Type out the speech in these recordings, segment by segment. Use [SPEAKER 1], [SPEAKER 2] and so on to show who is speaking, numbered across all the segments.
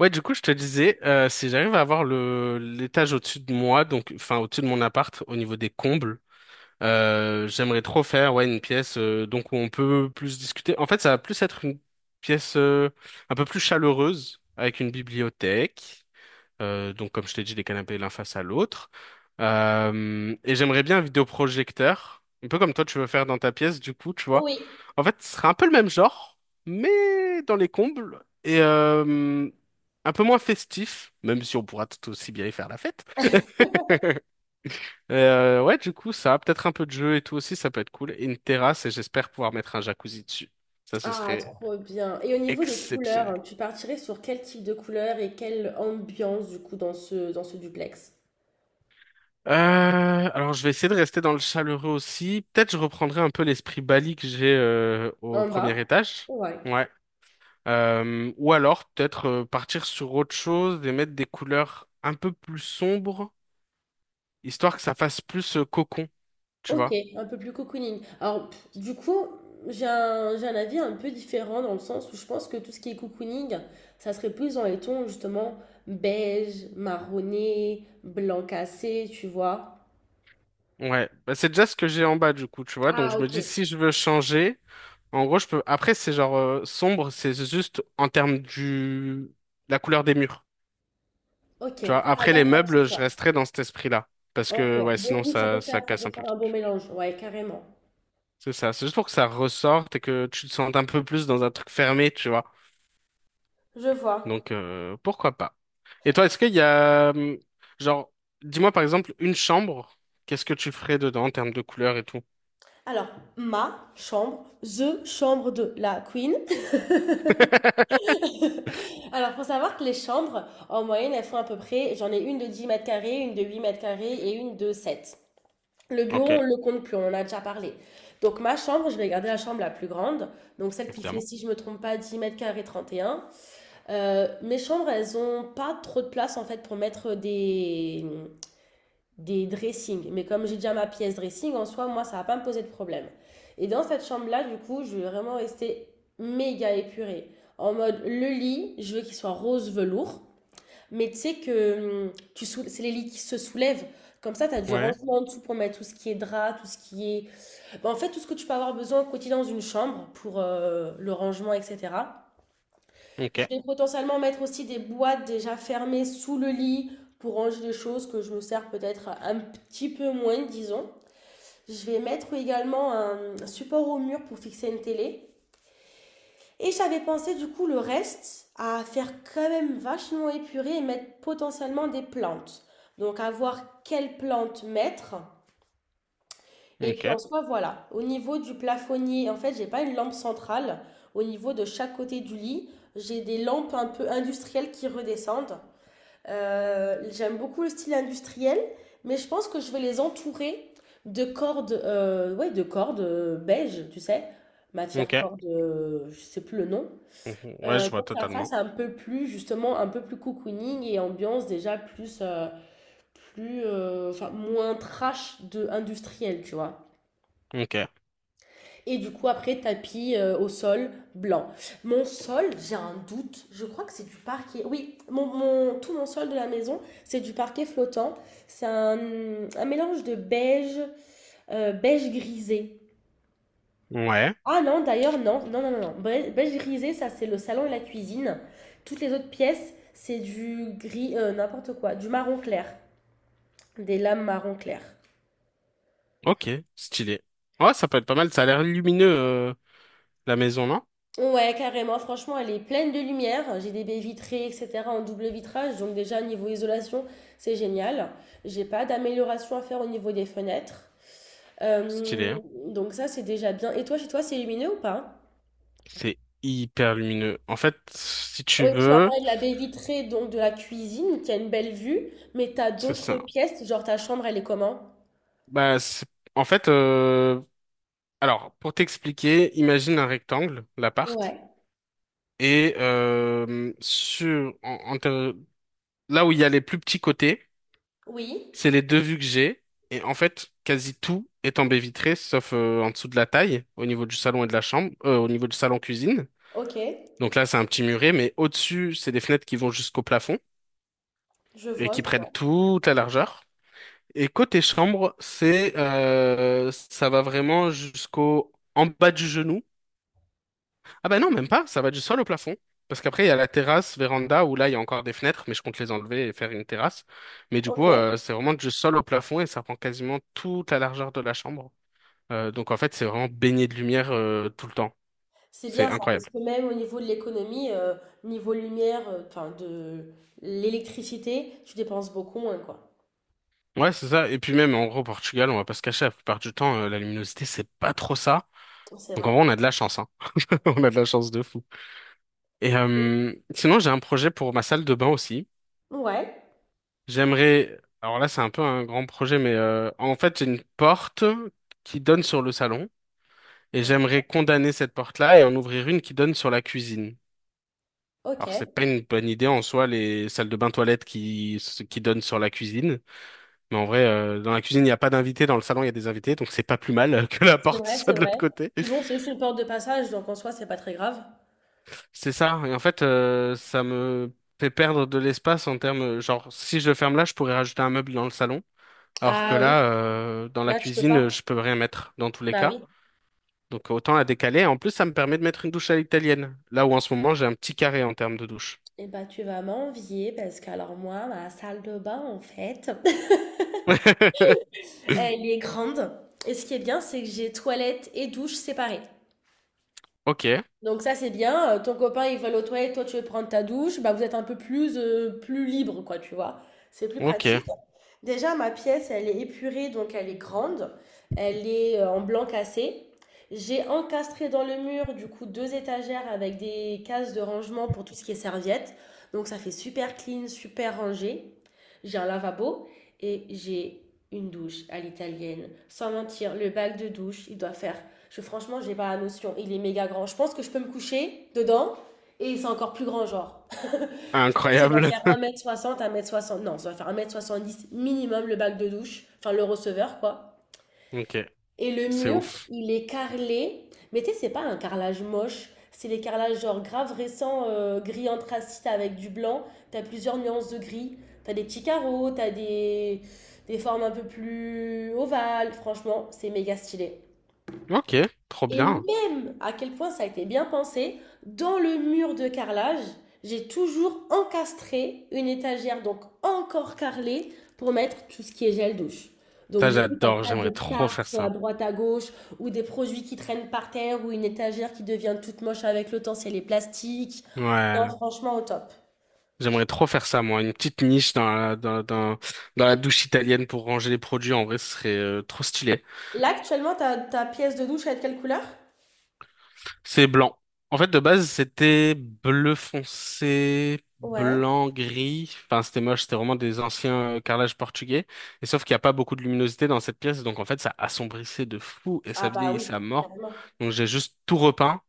[SPEAKER 1] Ouais, du coup, je te disais, si j'arrive à avoir le l'étage au-dessus de moi, donc enfin au-dessus de mon appart, au niveau des combles, j'aimerais trop faire ouais une pièce donc où on peut plus discuter. En fait, ça va plus être une pièce un peu plus chaleureuse avec une bibliothèque. Donc, comme je t'ai dit, les canapés l'un face à l'autre. Et j'aimerais bien un vidéoprojecteur, un peu comme toi tu veux faire dans ta pièce, du coup, tu vois.
[SPEAKER 2] Oui.
[SPEAKER 1] En fait, ce serait un peu le même genre, mais dans les combles et un peu moins festif, même si on pourra tout aussi bien y faire la fête. Ouais, du coup, ça, peut-être un peu de jeu et tout aussi, ça peut être cool. Et une terrasse, et j'espère pouvoir mettre un jacuzzi dessus. Ça, ce
[SPEAKER 2] Ah,
[SPEAKER 1] serait
[SPEAKER 2] trop bien. Et au niveau des couleurs,
[SPEAKER 1] exceptionnel.
[SPEAKER 2] hein, tu partirais sur quel type de couleur et quelle ambiance du coup dans ce duplex?
[SPEAKER 1] Euh, alors je vais essayer de rester dans le chaleureux aussi. Peut-être je reprendrai un peu l'esprit Bali que j'ai au
[SPEAKER 2] En
[SPEAKER 1] premier
[SPEAKER 2] bas?
[SPEAKER 1] étage.
[SPEAKER 2] Ouais.
[SPEAKER 1] Ouais. Ou alors peut-être partir sur autre chose et mettre des couleurs un peu plus sombres, histoire que ça fasse plus cocon, tu
[SPEAKER 2] Ok,
[SPEAKER 1] vois.
[SPEAKER 2] un peu plus cocooning. Alors, du coup, j'ai un avis un peu différent dans le sens où je pense que tout ce qui est cocooning, ça serait plus dans les tons justement beige, marronné, blanc cassé, tu vois.
[SPEAKER 1] Ouais. Bah, c'est déjà ce que j'ai en bas du coup, tu vois. Donc
[SPEAKER 2] Ah,
[SPEAKER 1] je me
[SPEAKER 2] ok.
[SPEAKER 1] dis si je veux changer, en gros je peux. Après c'est genre sombre, c'est juste en termes du la couleur des murs.
[SPEAKER 2] Ok.
[SPEAKER 1] Tu vois,
[SPEAKER 2] Ah,
[SPEAKER 1] après les
[SPEAKER 2] d'accord, je
[SPEAKER 1] meubles, je
[SPEAKER 2] vois.
[SPEAKER 1] resterai dans cet esprit-là. Parce
[SPEAKER 2] Ok.
[SPEAKER 1] que, ouais,
[SPEAKER 2] Donc
[SPEAKER 1] sinon,
[SPEAKER 2] oui,
[SPEAKER 1] ça, ça
[SPEAKER 2] ça
[SPEAKER 1] casse
[SPEAKER 2] peut
[SPEAKER 1] un peu le
[SPEAKER 2] faire un bon
[SPEAKER 1] truc.
[SPEAKER 2] mélange. Ouais, carrément.
[SPEAKER 1] C'est ça. C'est juste pour que ça ressorte et que tu te sentes un peu plus dans un truc fermé, tu vois.
[SPEAKER 2] Je vois.
[SPEAKER 1] Donc, pourquoi pas. Et toi, est-ce qu'il y a, genre, dis-moi par exemple, une chambre, qu'est-ce que tu ferais dedans en termes de couleurs et tout?
[SPEAKER 2] Alors, ma chambre, the chambre de la queen. Alors, faut savoir que les chambres, en moyenne, elles font à peu près, j'en ai une de 10 m², une de 8 m² et une de 7. Le bureau,
[SPEAKER 1] Ok,
[SPEAKER 2] on le compte plus, on en a déjà parlé. Donc, ma chambre, je vais garder la chambre la plus grande, donc celle qui fait,
[SPEAKER 1] évidemment.
[SPEAKER 2] si je me trompe pas, 10 m² 31. Mes chambres, elles ont pas trop de place, en fait, pour mettre des dressings. Mais comme j'ai déjà ma pièce dressing, en soi, moi, ça va pas me poser de problème. Et dans cette chambre-là, du coup, je vais vraiment rester méga épurée. En mode, le lit, je veux qu'il soit rose velours. Mais tu sais que c'est les lits qui se soulèvent. Comme ça, tu as du
[SPEAKER 1] Ouais,
[SPEAKER 2] rangement en dessous pour mettre tout ce qui est drap, tout ce qui est... Ben, en fait, tout ce que tu peux avoir besoin au quotidien dans une chambre pour le rangement, etc.
[SPEAKER 1] ok,
[SPEAKER 2] Je vais potentiellement mettre aussi des boîtes déjà fermées sous le lit pour ranger les choses que je me sers peut-être un petit peu moins, disons. Je vais mettre également un support au mur pour fixer une télé. Et j'avais pensé du coup le reste à faire quand même vachement épuré et mettre potentiellement des plantes. Donc à voir quelles plantes mettre. Et
[SPEAKER 1] ok,
[SPEAKER 2] puis en soi, voilà. Au niveau du plafonnier, en fait, j'ai pas une lampe centrale. Au niveau de chaque côté du lit, j'ai des lampes un peu industrielles qui redescendent. J'aime beaucoup le style industriel, mais je pense que je vais les entourer de cordes, ouais, de cordes beige, tu sais, matière
[SPEAKER 1] ok.
[SPEAKER 2] corde, je sais plus le nom,
[SPEAKER 1] Mhm. Ouais, je vois
[SPEAKER 2] pour que ça fasse
[SPEAKER 1] totalement.
[SPEAKER 2] un peu plus, justement, un peu plus cocooning et ambiance déjà plus, plus, enfin, moins trash de industriel, tu vois.
[SPEAKER 1] Ok,
[SPEAKER 2] Et du coup, après, tapis au sol blanc. Mon sol, j'ai un doute. Je crois que c'est du parquet. Oui, tout mon sol de la maison, c'est du parquet flottant. C'est un mélange de beige, beige grisé.
[SPEAKER 1] ouais,
[SPEAKER 2] Ah non, d'ailleurs, non. Non, non, non, non. Beige, beige grisé, ça, c'est le salon et la cuisine. Toutes les autres pièces, c'est du gris, n'importe quoi, du marron clair. Des lames marron clair.
[SPEAKER 1] ok, stylé. Ouais, ça peut être pas mal, ça a l'air lumineux, la maison, non?
[SPEAKER 2] Ouais, carrément. Franchement, elle est pleine de lumière. J'ai des baies vitrées, etc. en double vitrage. Donc déjà, niveau isolation, c'est génial. J'ai pas d'amélioration à faire au niveau des fenêtres.
[SPEAKER 1] Stylé,
[SPEAKER 2] Euh,
[SPEAKER 1] hein.
[SPEAKER 2] donc ça, c'est déjà bien. Et toi, chez toi, c'est illuminé ou pas?
[SPEAKER 1] C'est hyper lumineux. En fait, si tu
[SPEAKER 2] Oui, tu m'as
[SPEAKER 1] veux,
[SPEAKER 2] parlé de la baie vitrée, donc de la cuisine, qui a une belle vue. Mais t'as
[SPEAKER 1] c'est
[SPEAKER 2] d'autres
[SPEAKER 1] ça.
[SPEAKER 2] pièces, genre ta chambre, elle est comment?
[SPEAKER 1] Bah, en fait, alors, pour t'expliquer, imagine un rectangle, l'appart,
[SPEAKER 2] Ouais.
[SPEAKER 1] et sur, en- en te- là où il y a les plus petits côtés,
[SPEAKER 2] Oui.
[SPEAKER 1] c'est les deux vues que j'ai, et en fait, quasi tout est en baie vitrée, sauf en dessous de la taille, au niveau du salon et de la chambre, au niveau du salon-cuisine.
[SPEAKER 2] Ok.
[SPEAKER 1] Donc là, c'est un petit muret, mais au-dessus, c'est des fenêtres qui vont jusqu'au plafond
[SPEAKER 2] Je
[SPEAKER 1] et
[SPEAKER 2] vois,
[SPEAKER 1] qui
[SPEAKER 2] je
[SPEAKER 1] prennent
[SPEAKER 2] vois.
[SPEAKER 1] toute la largeur. Et côté chambre, c'est ça va vraiment jusqu'au en bas du genou. Ah bah non, même pas, ça va du sol au plafond. Parce qu'après, il y a la terrasse, véranda, où là, il y a encore des fenêtres, mais je compte les enlever et faire une terrasse. Mais du coup,
[SPEAKER 2] Ok.
[SPEAKER 1] c'est vraiment du sol au plafond et ça prend quasiment toute la largeur de la chambre. Donc en fait, c'est vraiment baigné de lumière tout le temps.
[SPEAKER 2] C'est
[SPEAKER 1] C'est
[SPEAKER 2] bien ça, parce
[SPEAKER 1] incroyable.
[SPEAKER 2] que même au niveau de l'économie, niveau lumière, enfin de l'électricité, tu dépenses beaucoup moins, quoi.
[SPEAKER 1] Ouais, c'est ça. Et puis même, en gros, au Portugal, on va pas se cacher, la plupart du temps, la luminosité, c'est pas trop ça.
[SPEAKER 2] C'est
[SPEAKER 1] Donc en
[SPEAKER 2] vrai.
[SPEAKER 1] vrai, on a de la chance, hein. On a de la chance de fou. Et sinon, j'ai un projet pour ma salle de bain aussi.
[SPEAKER 2] Ouais,
[SPEAKER 1] Alors là, c'est un peu un grand projet, mais en fait, j'ai une porte qui donne sur le salon et j'aimerais
[SPEAKER 2] ok.
[SPEAKER 1] condamner cette porte-là et en ouvrir une qui donne sur la cuisine.
[SPEAKER 2] Ok,
[SPEAKER 1] Alors, c'est pas une bonne idée en soi, les salles de bain toilettes qui donnent sur la cuisine. Mais en vrai, dans la cuisine, il n'y a pas d'invités, dans le salon, il y a des invités, donc c'est pas plus mal que la
[SPEAKER 2] c'est
[SPEAKER 1] porte
[SPEAKER 2] vrai,
[SPEAKER 1] soit
[SPEAKER 2] c'est
[SPEAKER 1] de l'autre
[SPEAKER 2] vrai.
[SPEAKER 1] côté.
[SPEAKER 2] Puis bon, c'est juste une porte de passage, donc en soi, c'est pas très grave.
[SPEAKER 1] C'est ça. Et en fait, ça me fait perdre de l'espace en termes, genre, si je le ferme là, je pourrais rajouter un meuble dans le salon. Alors que
[SPEAKER 2] Ah
[SPEAKER 1] là,
[SPEAKER 2] oui,
[SPEAKER 1] dans la
[SPEAKER 2] là, tu peux
[SPEAKER 1] cuisine,
[SPEAKER 2] pas.
[SPEAKER 1] je peux rien mettre dans tous les
[SPEAKER 2] Bah
[SPEAKER 1] cas.
[SPEAKER 2] oui.
[SPEAKER 1] Donc autant la décaler. En plus, ça me permet de mettre une douche à l'italienne. Là où en ce moment, j'ai un petit carré en termes de douche.
[SPEAKER 2] Eh bah, tu vas m'envier, parce que alors moi, ma salle de bain, en fait, elle est grande. Et ce qui est bien, c'est que j'ai toilette et douche séparées.
[SPEAKER 1] Ok,
[SPEAKER 2] Donc ça c'est bien. Ton copain il va aller aux toilettes, toi tu veux prendre ta douche, bah vous êtes un peu plus plus libre quoi, tu vois. C'est plus
[SPEAKER 1] ok.
[SPEAKER 2] pratique. Déjà ma pièce, elle est épurée donc elle est grande, elle est en blanc cassé. J'ai encastré dans le mur du coup deux étagères avec des cases de rangement pour tout ce qui est serviettes. Donc ça fait super clean, super rangé. J'ai un lavabo et j'ai une douche à l'italienne. Sans mentir, le bac de douche, il doit faire franchement, j'ai pas la notion. Il est méga grand. Je pense que je peux me coucher dedans et c'est encore plus grand, genre. Je pense que ça doit
[SPEAKER 1] Incroyable.
[SPEAKER 2] faire un mètre soixante, 1,60 m. Non, ça doit faire 1,70 m minimum le bac de douche, enfin le receveur, quoi.
[SPEAKER 1] Ok,
[SPEAKER 2] Et le
[SPEAKER 1] c'est
[SPEAKER 2] mur,
[SPEAKER 1] ouf.
[SPEAKER 2] il est carrelé. Mais tu sais, c'est pas un carrelage moche. C'est les carrelages genre grave récents, gris anthracite avec du blanc. T'as plusieurs nuances de gris. T'as des petits carreaux, t'as des formes un peu plus ovales. Franchement, c'est méga stylé.
[SPEAKER 1] Ok, trop
[SPEAKER 2] Et
[SPEAKER 1] bien.
[SPEAKER 2] même à quel point ça a été bien pensé, dans le mur de carrelage, j'ai toujours encastré une étagère, donc encore carrelée, pour mettre tout ce qui est gel douche. Donc
[SPEAKER 1] Ça,
[SPEAKER 2] du coup, t'as
[SPEAKER 1] j'adore.
[SPEAKER 2] pas
[SPEAKER 1] J'aimerais
[SPEAKER 2] de
[SPEAKER 1] trop faire
[SPEAKER 2] tartre à
[SPEAKER 1] ça.
[SPEAKER 2] droite à gauche, ou des produits qui traînent par terre, ou une étagère qui devient toute moche avec le temps, c'est les plastiques. Non,
[SPEAKER 1] Ouais,
[SPEAKER 2] franchement, au top.
[SPEAKER 1] j'aimerais trop faire ça, moi. Une petite niche dans la douche italienne pour ranger les produits. En vrai, ce serait trop stylé.
[SPEAKER 2] Là, actuellement, ta pièce de douche, elle est de quelle couleur?
[SPEAKER 1] C'est blanc. En fait, de base, c'était bleu foncé,
[SPEAKER 2] Ouais.
[SPEAKER 1] blanc, gris. Enfin, c'était moche, c'était vraiment des anciens carrelages portugais. Et sauf qu'il n'y a pas beaucoup de luminosité dans cette pièce, donc en fait, ça assombrissait de fou et
[SPEAKER 2] Ah
[SPEAKER 1] ça
[SPEAKER 2] bah oui,
[SPEAKER 1] vieillissait à mort.
[SPEAKER 2] carrément.
[SPEAKER 1] Donc j'ai juste tout repeint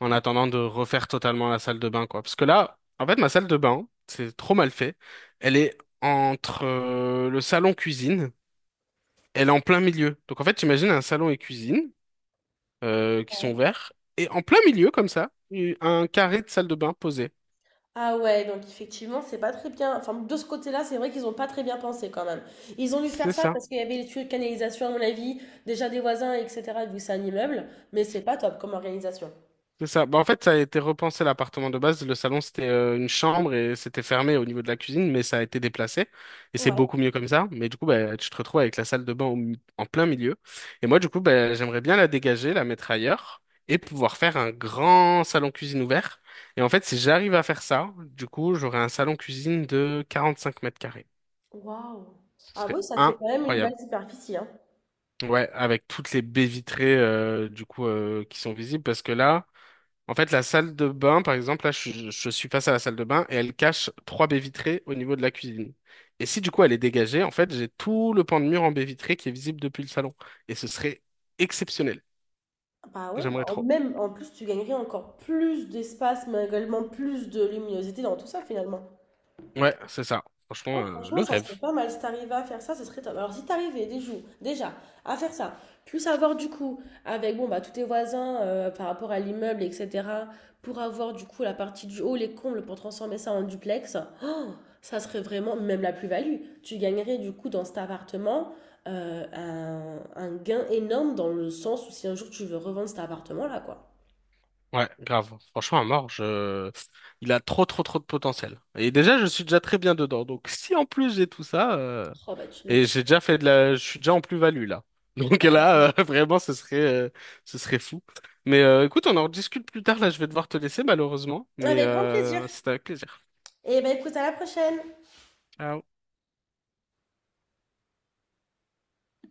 [SPEAKER 1] en attendant de refaire totalement la salle de bain, quoi. Parce que là, en fait, ma salle de bain, c'est trop mal fait. Elle est entre le salon cuisine, elle est en plein milieu. Donc en fait, t'imagines un salon et cuisine qui sont verts. Et en plein milieu, comme ça, un carré de salle de bain posé.
[SPEAKER 2] Ah ouais, donc effectivement, c'est pas très bien. Enfin, de ce côté-là, c'est vrai qu'ils ont pas très bien pensé quand même. Ils ont dû faire
[SPEAKER 1] C'est
[SPEAKER 2] ça
[SPEAKER 1] ça.
[SPEAKER 2] parce qu'il y avait les tuyaux de canalisation, à mon avis, déjà des voisins, etc., vu que c'est un immeuble, mais c'est pas top comme organisation.
[SPEAKER 1] C'est ça. Bah, en fait, ça a été repensé l'appartement de base. Le salon, c'était une chambre et c'était fermé au niveau de la cuisine, mais ça a été déplacé. Et c'est
[SPEAKER 2] Ouais.
[SPEAKER 1] beaucoup mieux comme ça. Mais du coup, bah, tu te retrouves avec la salle de bain en plein milieu. Et moi, du coup, bah, j'aimerais bien la dégager, la mettre ailleurs et pouvoir faire un grand salon cuisine ouvert. Et en fait, si j'arrive à faire ça, du coup, j'aurai un salon cuisine de 45 mètres carrés.
[SPEAKER 2] Waouh.
[SPEAKER 1] Ce
[SPEAKER 2] Ah
[SPEAKER 1] serait
[SPEAKER 2] oui, ça fait quand même une
[SPEAKER 1] incroyable.
[SPEAKER 2] belle superficie, hein.
[SPEAKER 1] Ouais, avec toutes les baies vitrées du coup qui sont visibles parce que là, en fait, la salle de bain, par exemple, là, je suis face à la salle de bain et elle cache trois baies vitrées au niveau de la cuisine. Et si du coup elle est dégagée, en fait, j'ai tout le pan de mur en baies vitrées qui est visible depuis le salon. Et ce serait exceptionnel.
[SPEAKER 2] Bah ouais,
[SPEAKER 1] J'aimerais trop.
[SPEAKER 2] même en plus, tu gagnerais encore plus d'espace, mais également plus de luminosité dans tout ça finalement.
[SPEAKER 1] Ouais, c'est ça. Franchement,
[SPEAKER 2] Oh, franchement,
[SPEAKER 1] le
[SPEAKER 2] ça serait
[SPEAKER 1] rêve.
[SPEAKER 2] pas mal. Si t'arrivais à faire ça, ce serait top. Alors, si t'arrivais des jours, déjà à faire ça, plus avoir du coup avec bon, bah, tous tes voisins par rapport à l'immeuble, etc., pour avoir du coup la partie du haut, les combles, pour transformer ça en duplex, oh, ça serait vraiment même la plus-value. Tu gagnerais du coup dans cet appartement un gain énorme dans le sens où si un jour tu veux revendre cet appartement-là, quoi.
[SPEAKER 1] Ouais, grave. Franchement, à mort, il a trop, trop, trop de potentiel. Et déjà, je suis déjà très bien dedans. Donc, si en plus j'ai tout ça.
[SPEAKER 2] Oh, bah, tu
[SPEAKER 1] Et
[SPEAKER 2] m'étais.
[SPEAKER 1] j'ai déjà fait de la, je suis déjà en plus-value là. Donc là, vraiment, ce serait fou. Mais écoute, on en rediscute plus tard. Là, je vais devoir te laisser malheureusement, mais
[SPEAKER 2] Avec grand plaisir.
[SPEAKER 1] c'était avec plaisir.
[SPEAKER 2] Et bah, écoute, à la prochaine!
[SPEAKER 1] Ciao.